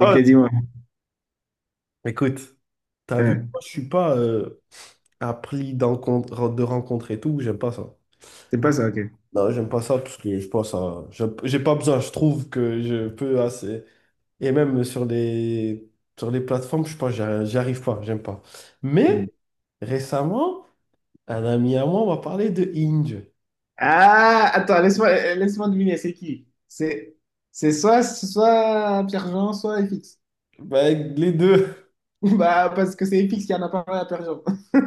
Ok, dis-moi. écoute, t'as vu, Hein, moi, je suis pas appris d'encontre- de rencontres et tout, j'aime pas ça. c'est pas ça, ok. Non, j'aime pas ça parce que je pense à... J'ai pas besoin, je trouve que je peux assez... Et même sur les plateformes, je sais pas, j'arri- j'y arrive pas, j'aime pas. Mais Hmm. récemment, un ami à moi m'a parlé de Hinge. Ah, attends, laisse-moi deviner, c'est qui? C'est soit, soit Pierre-Jean, soit FX. Ben, les deux. Bah, parce que c'est FX qui en a parlé à Pierre-Jean.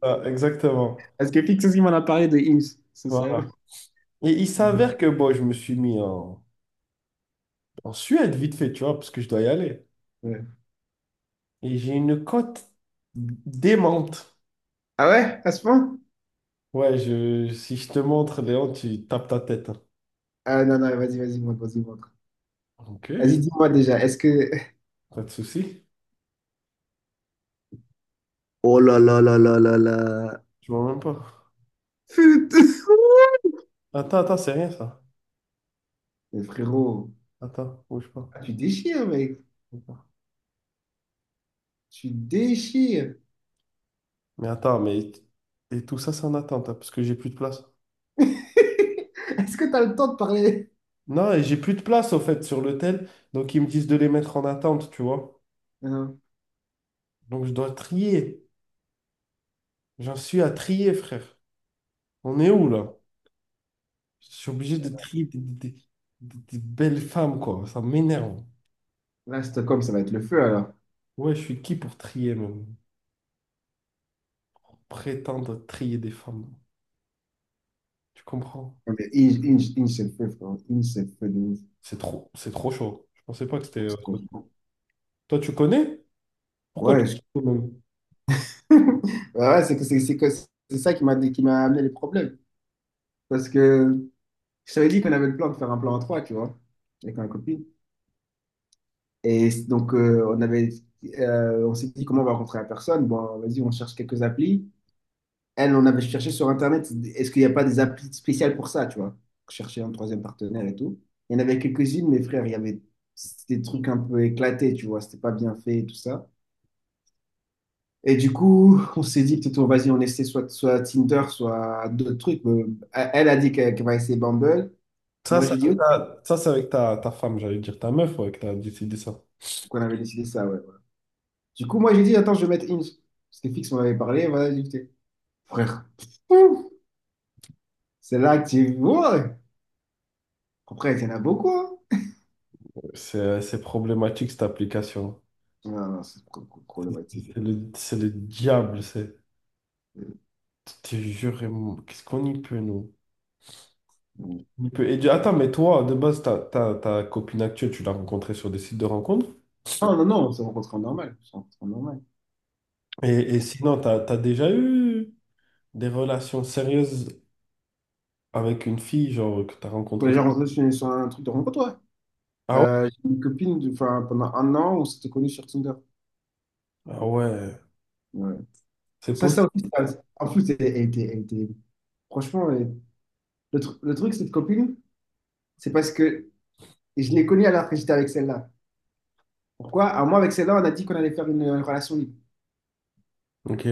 Ah, exactement. Parce que FX aussi m'en a parlé de Ims, c'est ça. Voilà. Et il Hmm. s'avère que bon, je me suis mis en, en Suède vite fait, tu vois, parce que je dois y aller. Ouais. Et j'ai une cote démente. Ah ouais, à ce point? Ouais, je, si je te montre, Léon, tu tapes ta tête, hein. Ah non, non, vas-y, vas-y, montre, vas-y, montre. Ok. Vas-y, dis-moi déjà, est-ce que... Pas de souci. Oh là là là là là là. Je vois même pas. Putain. Attends, attends, c'est rien ça. Mais frérot, Attends, bouge pas. ah, tu déchires, mec. Bouge pas. Tu déchires. Mais attends, mais. Et tout ça, c'est en attente, hein, parce que j'ai plus de place. Est-ce que t'as le temps de parler? Non, et j'ai plus de place, au fait, sur l'hôtel. Donc, ils me disent de les mettre en attente, tu vois. Hein. Donc, je dois trier. J'en suis à trier, frère. On est où, là? Je suis obligé de trier des belles femmes, quoi. Ça m'énerve. Là, Stockholm, ça va être le feu alors. Ouais, je suis qui pour trier, même? Prétendre trier des femmes. Tu comprends? Non, mais Inge, Inge, Inge, c'est le feu, frère. Inge, c'est le feu de ouf. C'est trop chaud. Je pensais pas que c'était, Donc, ce point. Toi, tu connais? Pourquoi tu Ouais, je- Ouais, ouais, c'est ça qui m'a amené les problèmes. Parce que je t'avais dit qu'on avait le plan de faire un plan à trois, tu vois, avec ma copine. Et donc, euh, on avait, on s'est dit comment on va rencontrer la personne. Bon, vas-y, on cherche quelques applis. Elle, on avait cherché sur Internet, est-ce qu'il n'y a pas des applis spéciales pour ça, tu vois? Chercher un troisième partenaire et tout. Il y en avait quelques-unes, mais frère, il y avait c'était des trucs un peu éclatés, tu vois, c'était pas bien fait et tout ça. Et du coup, on s'est dit, peut-être, vas-y, on essaie soit, soit Tinder, soit d'autres trucs. Elle a dit qu'elle va essayer Bumble. ça, Moi, c'est j'ai dit, avec ok, ta, ça, c'est avec ta, ta femme, j'allais dire ta meuf, ouais, que t'as décidé ça. qu'on avait décidé ça, ouais, voilà. Du coup, moi, j'ai dit, attends, je vais mettre Hinge. Parce que Fix m'en avait parlé, voilà, j'ai dit, frère, pouf, c'est là que tu vois. Après, il y en a beaucoup, hein. C'est problématique cette application. Non, non, c'est problématique. C'est le diable, c'est. Je te jure, et mon- qu'est-ce qu'on y peut, nous? Non, On y peut. Et, du- attends, mais toi, de base, ta, ta, ta copine actuelle, tu l'as rencontrée sur des sites de rencontres? non, non, c'est s'est rencontrés en normal. On s'est en normal. Et, et sinon, t'as, t'as déjà eu des relations sérieuses avec une fille, genre, que t'as On est rencontrée. déjà rencontrés sur, sur un truc de rencontre, ouais. Ah ouais? J'ai une copine, enfin, pendant un an, on s'était connus sur Tinder. Ah ouais, Ouais. c'est Ça, possible. ça aussi, Ça. En plus, elle, franchement, le truc, cette copine, c'est parce que je l'ai connue alors que j'étais avec celle-là. Pourquoi? Alors, moi, avec celle-là, on a dit qu'on allait faire une relation libre. Ok.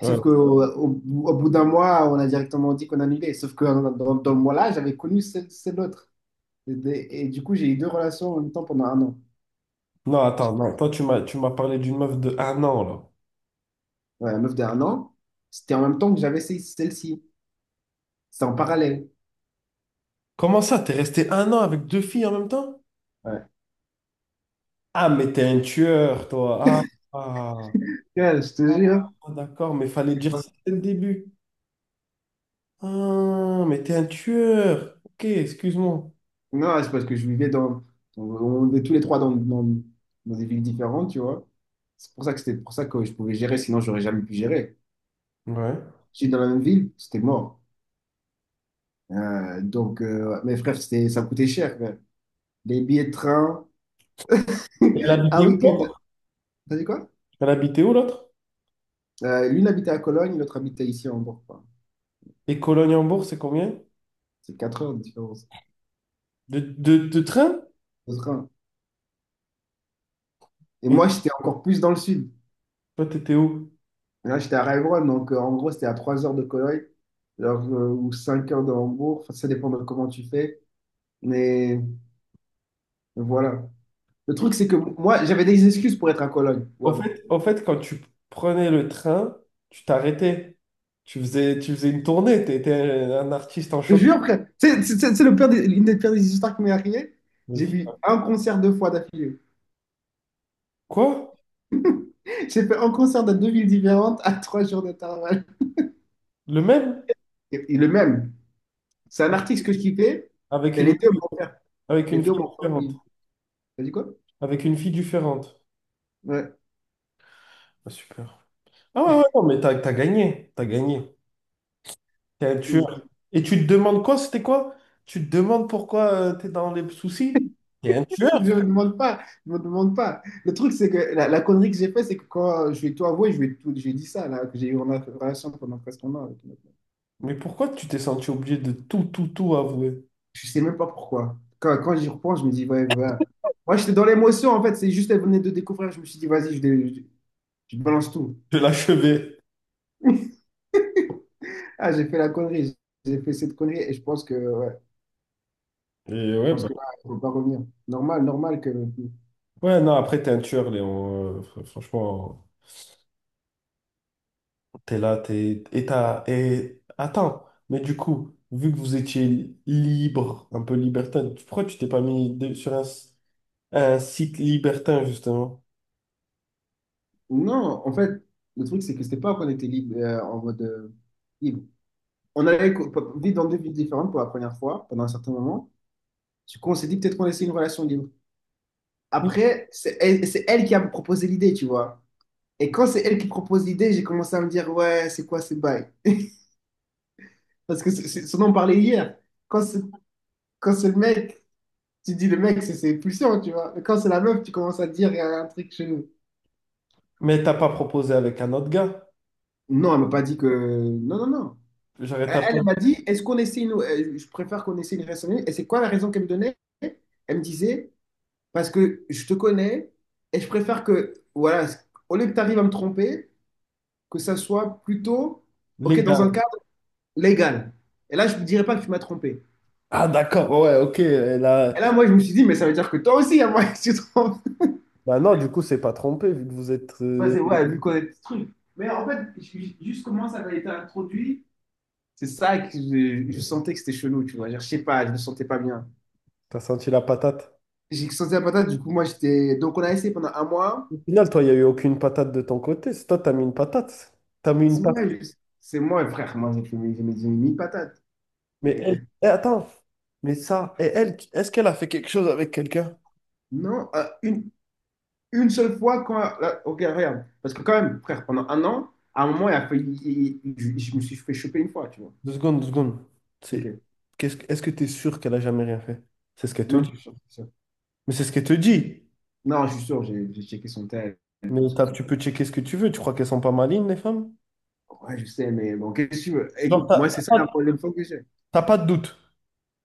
Ouais. Sauf qu'au au, au- au bout d'un mois, on a directement dit qu'on annulait. Sauf dans le mois-là, j'avais connu celle autre. Et du coup, j'ai eu deux relations en même temps pendant un an. Non, attends, non. Toi, tu m'as parlé d'une meuf de un an, là. Ouais, la meuf d'un an, c'était en même temps que celle-ci. C'était en parallèle. Comment ça? T'es resté un an avec deux filles en même temps? Ouais. Ah, mais t'es un tueur, toi. Ah, ah. Ouais, je te jure. Ah, d'accord, mais fallait C'est dire pas- ça dès le début. Ah, mais t'es un tueur. Ok, excuse-moi. Non, c'est parce que je vivais dans. On vivait tous les trois dans des villes différentes, tu vois. C'est pour ça que c'était pour ça que je pouvais gérer, sinon j'aurais jamais pu gérer. Ouais. J'étais dans la même ville, c'était mort. Mes frères, c'était, ça coûtait cher, frère. Les billets de train, Et elle habitait un où, week-end. l'autre? T'as dit quoi? Elle habitait où, l'autre? L'une habitait à Cologne, l'autre habitait ici en Bourgogne. Et Cologne-Hambourg, c'est combien? C'est 4 heures de différence De train? de train. Et Et moi, j'étais encore plus dans le sud. toi, t'étais où? Là, j'étais à Heilbronn, en gros, c'était à 3 heures de Cologne alors, ou 5 heures de Hambourg. Enfin, ça dépend de comment tu fais. Mais voilà. Le truc, c'est que moi, j'avais des excuses pour être à Cologne. Ouais. Au fait, quand tu prenais le train, tu t'arrêtais. Tu faisais une tournée. Tu étais un artiste en Je te choc. jure, frère. C'est le pire des- l'une des pires des histoires qui m'est arrivée. J'ai Vas-y. vu un concert deux fois d'affilée. Quoi? J'ai fait un concert dans deux villes différentes à trois jours d'intervalle. Le même? Et le même. C'est un artiste que je kiffais. Avec Et une, les deux m'ont fait. avec Les une deux fille m'ont différente. fait. T'as dit quoi? Avec une fille différente. Ouais. Ah, super. Ah ouais, ouais, non, mais t'as, t'as gagné. T'as gagné. T'es un Que- tueur. Et tu te demandes quoi? C'était quoi? Tu te demandes pourquoi t'es dans les soucis? T'es un Je me tueur. demande pas, je me demande pas. Le truc, c'est que la connerie que j'ai fait, c'est que quand je vais tout avouer, je vais tout, j'ai dit ça, là, que j'ai eu en relation pendant presque un an avec une autre. Mais pourquoi tu t'es senti obligé de tout, tout, tout avouer? Je sais même pas pourquoi. Quand j'y repense, je me dis, ouais, voilà. Moi, j'étais dans l'émotion, en fait, c'est juste, elle venait de découvrir, je me suis dit, vas-y, je balance tout. De l'achever. Ah, j'ai fait la connerie, j'ai fait cette connerie, et je pense que, ouais, Et je ouais, pense bah, que là, il faut pas revenir. Normal, normal que. ouais, non, après, t'es un tueur, Léon. Franchement, t'es là, t'es... Et t'as... Et... Attends, mais du coup, vu que vous étiez libre, un peu libertin, pourquoi tu t'es pas mis de- sur un, s- un site libertin, justement? Non, en fait, le truc, c'est que c'était pas qu'on était libre, en mode, libre. On allait vivre dans deux villes différentes pour la première fois, pendant un certain moment. Du coup, on s'est dit peut-être qu'on essaie une relation libre. Oui. Après, c'est elle qui a proposé l'idée, tu vois. Et quand c'est elle qui propose l'idée, j'ai commencé à me dire, ouais, c'est quoi ces bails? Parce que c'est ce dont on parlait hier. Quand c'est quand c'est le mec, tu dis le mec, c'est pulsion, tu vois. Mais quand c'est la meuf, tu commences à dire, il y a un truc chez nous. Mais t'as pas proposé avec un autre gars? Non, elle m'a pas dit que. Non, non, non. J'arrête un peu. Elle m'a dit, est-ce qu'on essaie une, je préfère qu'on essaie une relation libre. Et c'est quoi la raison qu'elle me donnait? Elle me disait, parce que je te connais et je préfère que, voilà, au lieu que tu arrives à me tromper, que ça soit plutôt, OK, Les dans gars. un cadre légal. Et là, je ne dirais pas que tu m'as trompé. Ah, d'accord, ouais, ok, et là... Et là, moi, je me suis dit, mais ça veut dire que toi aussi, à moi, tu te trompes. Bah non, du coup, c'est pas trompé, vu que vous êtes... Ouais, c'est ouais, vu qu'on est ce truc. Mais en fait, juste comment ça avait été introduit, c'est ça que je sentais que c'était chelou, tu vois. Genre, je sais pas, je me sentais pas bien. T'as senti la patate. J'ai senti la patate, du coup, moi, j'étais. Donc, on a essayé pendant un mois. Au final, toi, il n'y a eu aucune patate de ton côté. C'est toi, t'as mis une patate. T'as mis une C'est moi, patate. je- c'est moi, frère, moi, j'ai fait mes j'ai mis une patate. Mais elle, Mais eh, attends, mais ça, et elle, est-ce qu'elle a fait quelque chose avec quelqu'un? non, une seule fois quand, là, ok, regarde. Parce que quand même, frère, pendant un an, à un moment, il a failli- il- je, me suis fait choper une fois, tu vois. Deux secondes, deux secondes. C'est, Ok. qu'est-ce, que- est-ce que tu es sûr qu'elle a jamais rien fait? C'est ce qu'elle te Non, dit. Je suis sûr. Mais c'est ce qu'elle te dit. Non, je suis sûr, j'ai checké son tel et tout Mais ce t'as- truc. tu peux checker ce que tu veux. Tu crois qu'elles sont pas malines, les femmes? Ouais, je sais, mais bon, qu'est-ce que tu veux? Genre, Écoute, t'as moi, c'est ça la problème fois que j'ai. t'as pas de doute.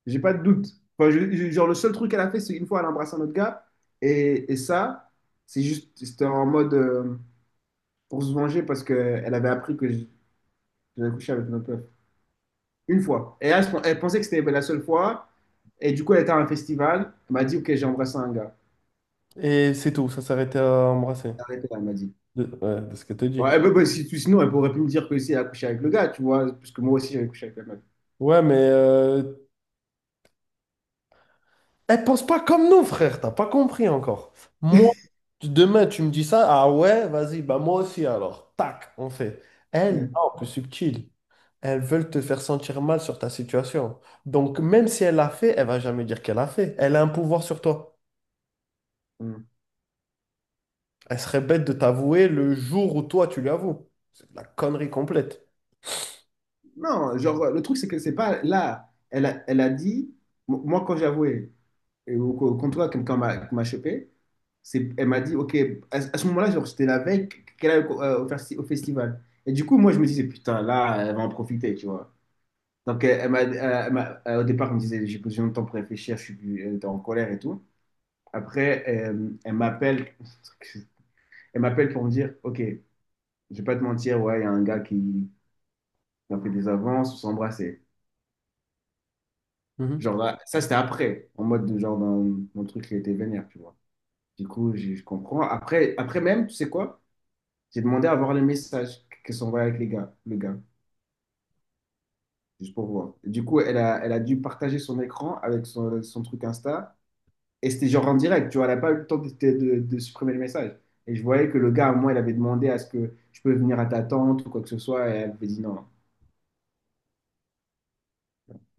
J'ai pas de doute. Enfin, genre, le seul truc qu'elle a fait, c'est une fois, elle a embrassé un autre gars. Et ça, c'est juste, c'était en mode pour se venger parce qu'elle avait appris que j'avais couché avec une autre meuf. Une fois. Et elle, elle pensait que c'était la seule fois. Et du coup, elle était à un festival. Elle m'a dit, OK, j'ai embrassé un gars. Et c'est tout, ça s'arrêtait à embrasser. Arrêtez là, elle m'a dit. De, ouais, de ce qu'elle te Ouais, dit. Bah, sinon, elle pourrait plus me dire que si elle a couché avec le gars, tu vois, parce que moi aussi, j'avais couché avec la meuf. Ouais, mais elle pense pas comme nous, frère, t'as pas compris encore. Moi, tu- demain, tu me dis ça, ah ouais, vas-y, bah moi aussi alors. Tac, on fait. Elles, Ouais. non, plus subtil. Elles veulent te faire sentir mal sur ta situation. Donc, même si elle l'a fait, elle va jamais dire qu'elle l'a fait. Elle a un pouvoir sur toi. Mm. Elle serait bête de t'avouer le jour où toi, tu lui avoues. C'est de la connerie complète. Non, genre, le truc, c'est que c'est pas là. Elle a dit, moi, quand j'avouais, et au comptoir, quelqu'un m'a qui m'a chopé, c'est, elle m'a dit, OK, à ce moment-là, genre, c'était la veille qu'elle allait au festival. Et du coup, moi, je me disais, putain, là, elle va en profiter, tu vois. Donc, elle m'a, au départ, elle me disait, j'ai besoin de temps pour réfléchir, elle était en colère et tout. Après, elle m'appelle, elle m'appelle pour me dire, OK, je vais pas te mentir, ouais, il y a un gars qui a fait des avances, on s'est embrassé. Mhm. Genre, là, ça, c'était après, en mode, de, genre, dans mon truc qui était vénère, tu vois. Du coup, je comprends. Après, après même, tu sais quoi? J'ai demandé à voir les messages qui sont envoyés avec le gars, juste pour voir. Du coup, elle a dû partager son écran avec son truc Insta. Et c'était genre en direct, tu vois, elle n'a pas eu le temps de, de supprimer le message. Et je voyais que le gars, au moins, il avait demandé à ce que je peux venir à ta tante ou quoi que ce soit, et elle avait dit non.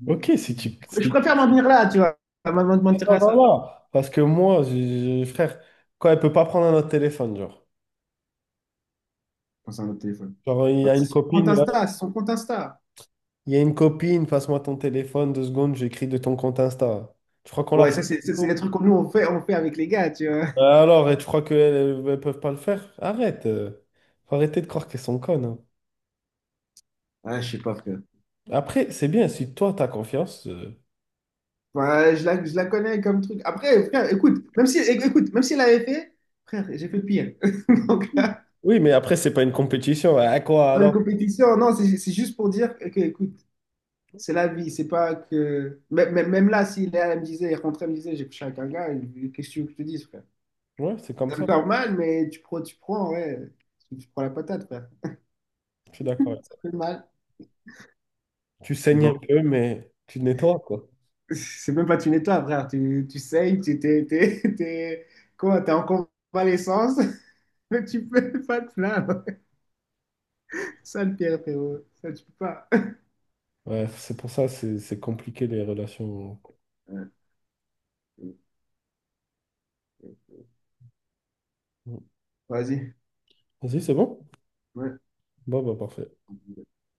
Ok, si tu... Je si- préfère m'en venir là, tu vois, à m'en mentir attends, à attends, ça. là. Parce que moi, j'ai- frère, quand elle peut pas prendre un autre téléphone, genre. Enfin, c'est un autre téléphone. Genre, il y Ouais, a une c'est son compte copine... Insta, c'est son compte Insta. Il y a une copine, passe-moi ton téléphone, deux secondes, j'écris de ton compte Insta. Tu crois qu'on l'a Ouais, pas? Ça, c'est les trucs que nous, on fait avec les gars, tu vois. Alors, et tu crois qu'elles ne peuvent pas le faire? Arrête. Faut arrêter de croire qu'elles sont connes, hein. Ah, je sais pas, frère. Après, c'est bien, si toi, t'as confiance. Ouais, je la connais comme truc. Après, frère, écoute, même si elle avait fait, frère, j'ai fait pire. Donc là, Oui, mais après, c'est pas une compétition. À quoi c'est pas une alors? compétition. Non, c'est juste pour dire que, écoute, c'est la vie, c'est pas que. Même là, si Léa elle me disait, elle rentrait, elle me disait, j'ai couché avec un gars, et qu'est-ce que tu veux que je te dise, frère? Ouais, c'est comme Ça me ça. fait mal, mais tu prends, ouais, tu prends la patate, frère. Je suis d'accord. Ça fait mal. Tu saignes Bon. un peu, mais tu te nettoies, quoi. C'est même pas une étoile, frère. Tu saignes, t'es- quoi, t'es en convalescence, mais tu peux pas te plaindre. Ça, le pire, frérot. Ça, tu peux pas. Ouais, c'est pour ça, c'est compliqué les relations. Ouais. Vas-y. Vas-y, c'est bon? Ouais. Bon, bah, parfait.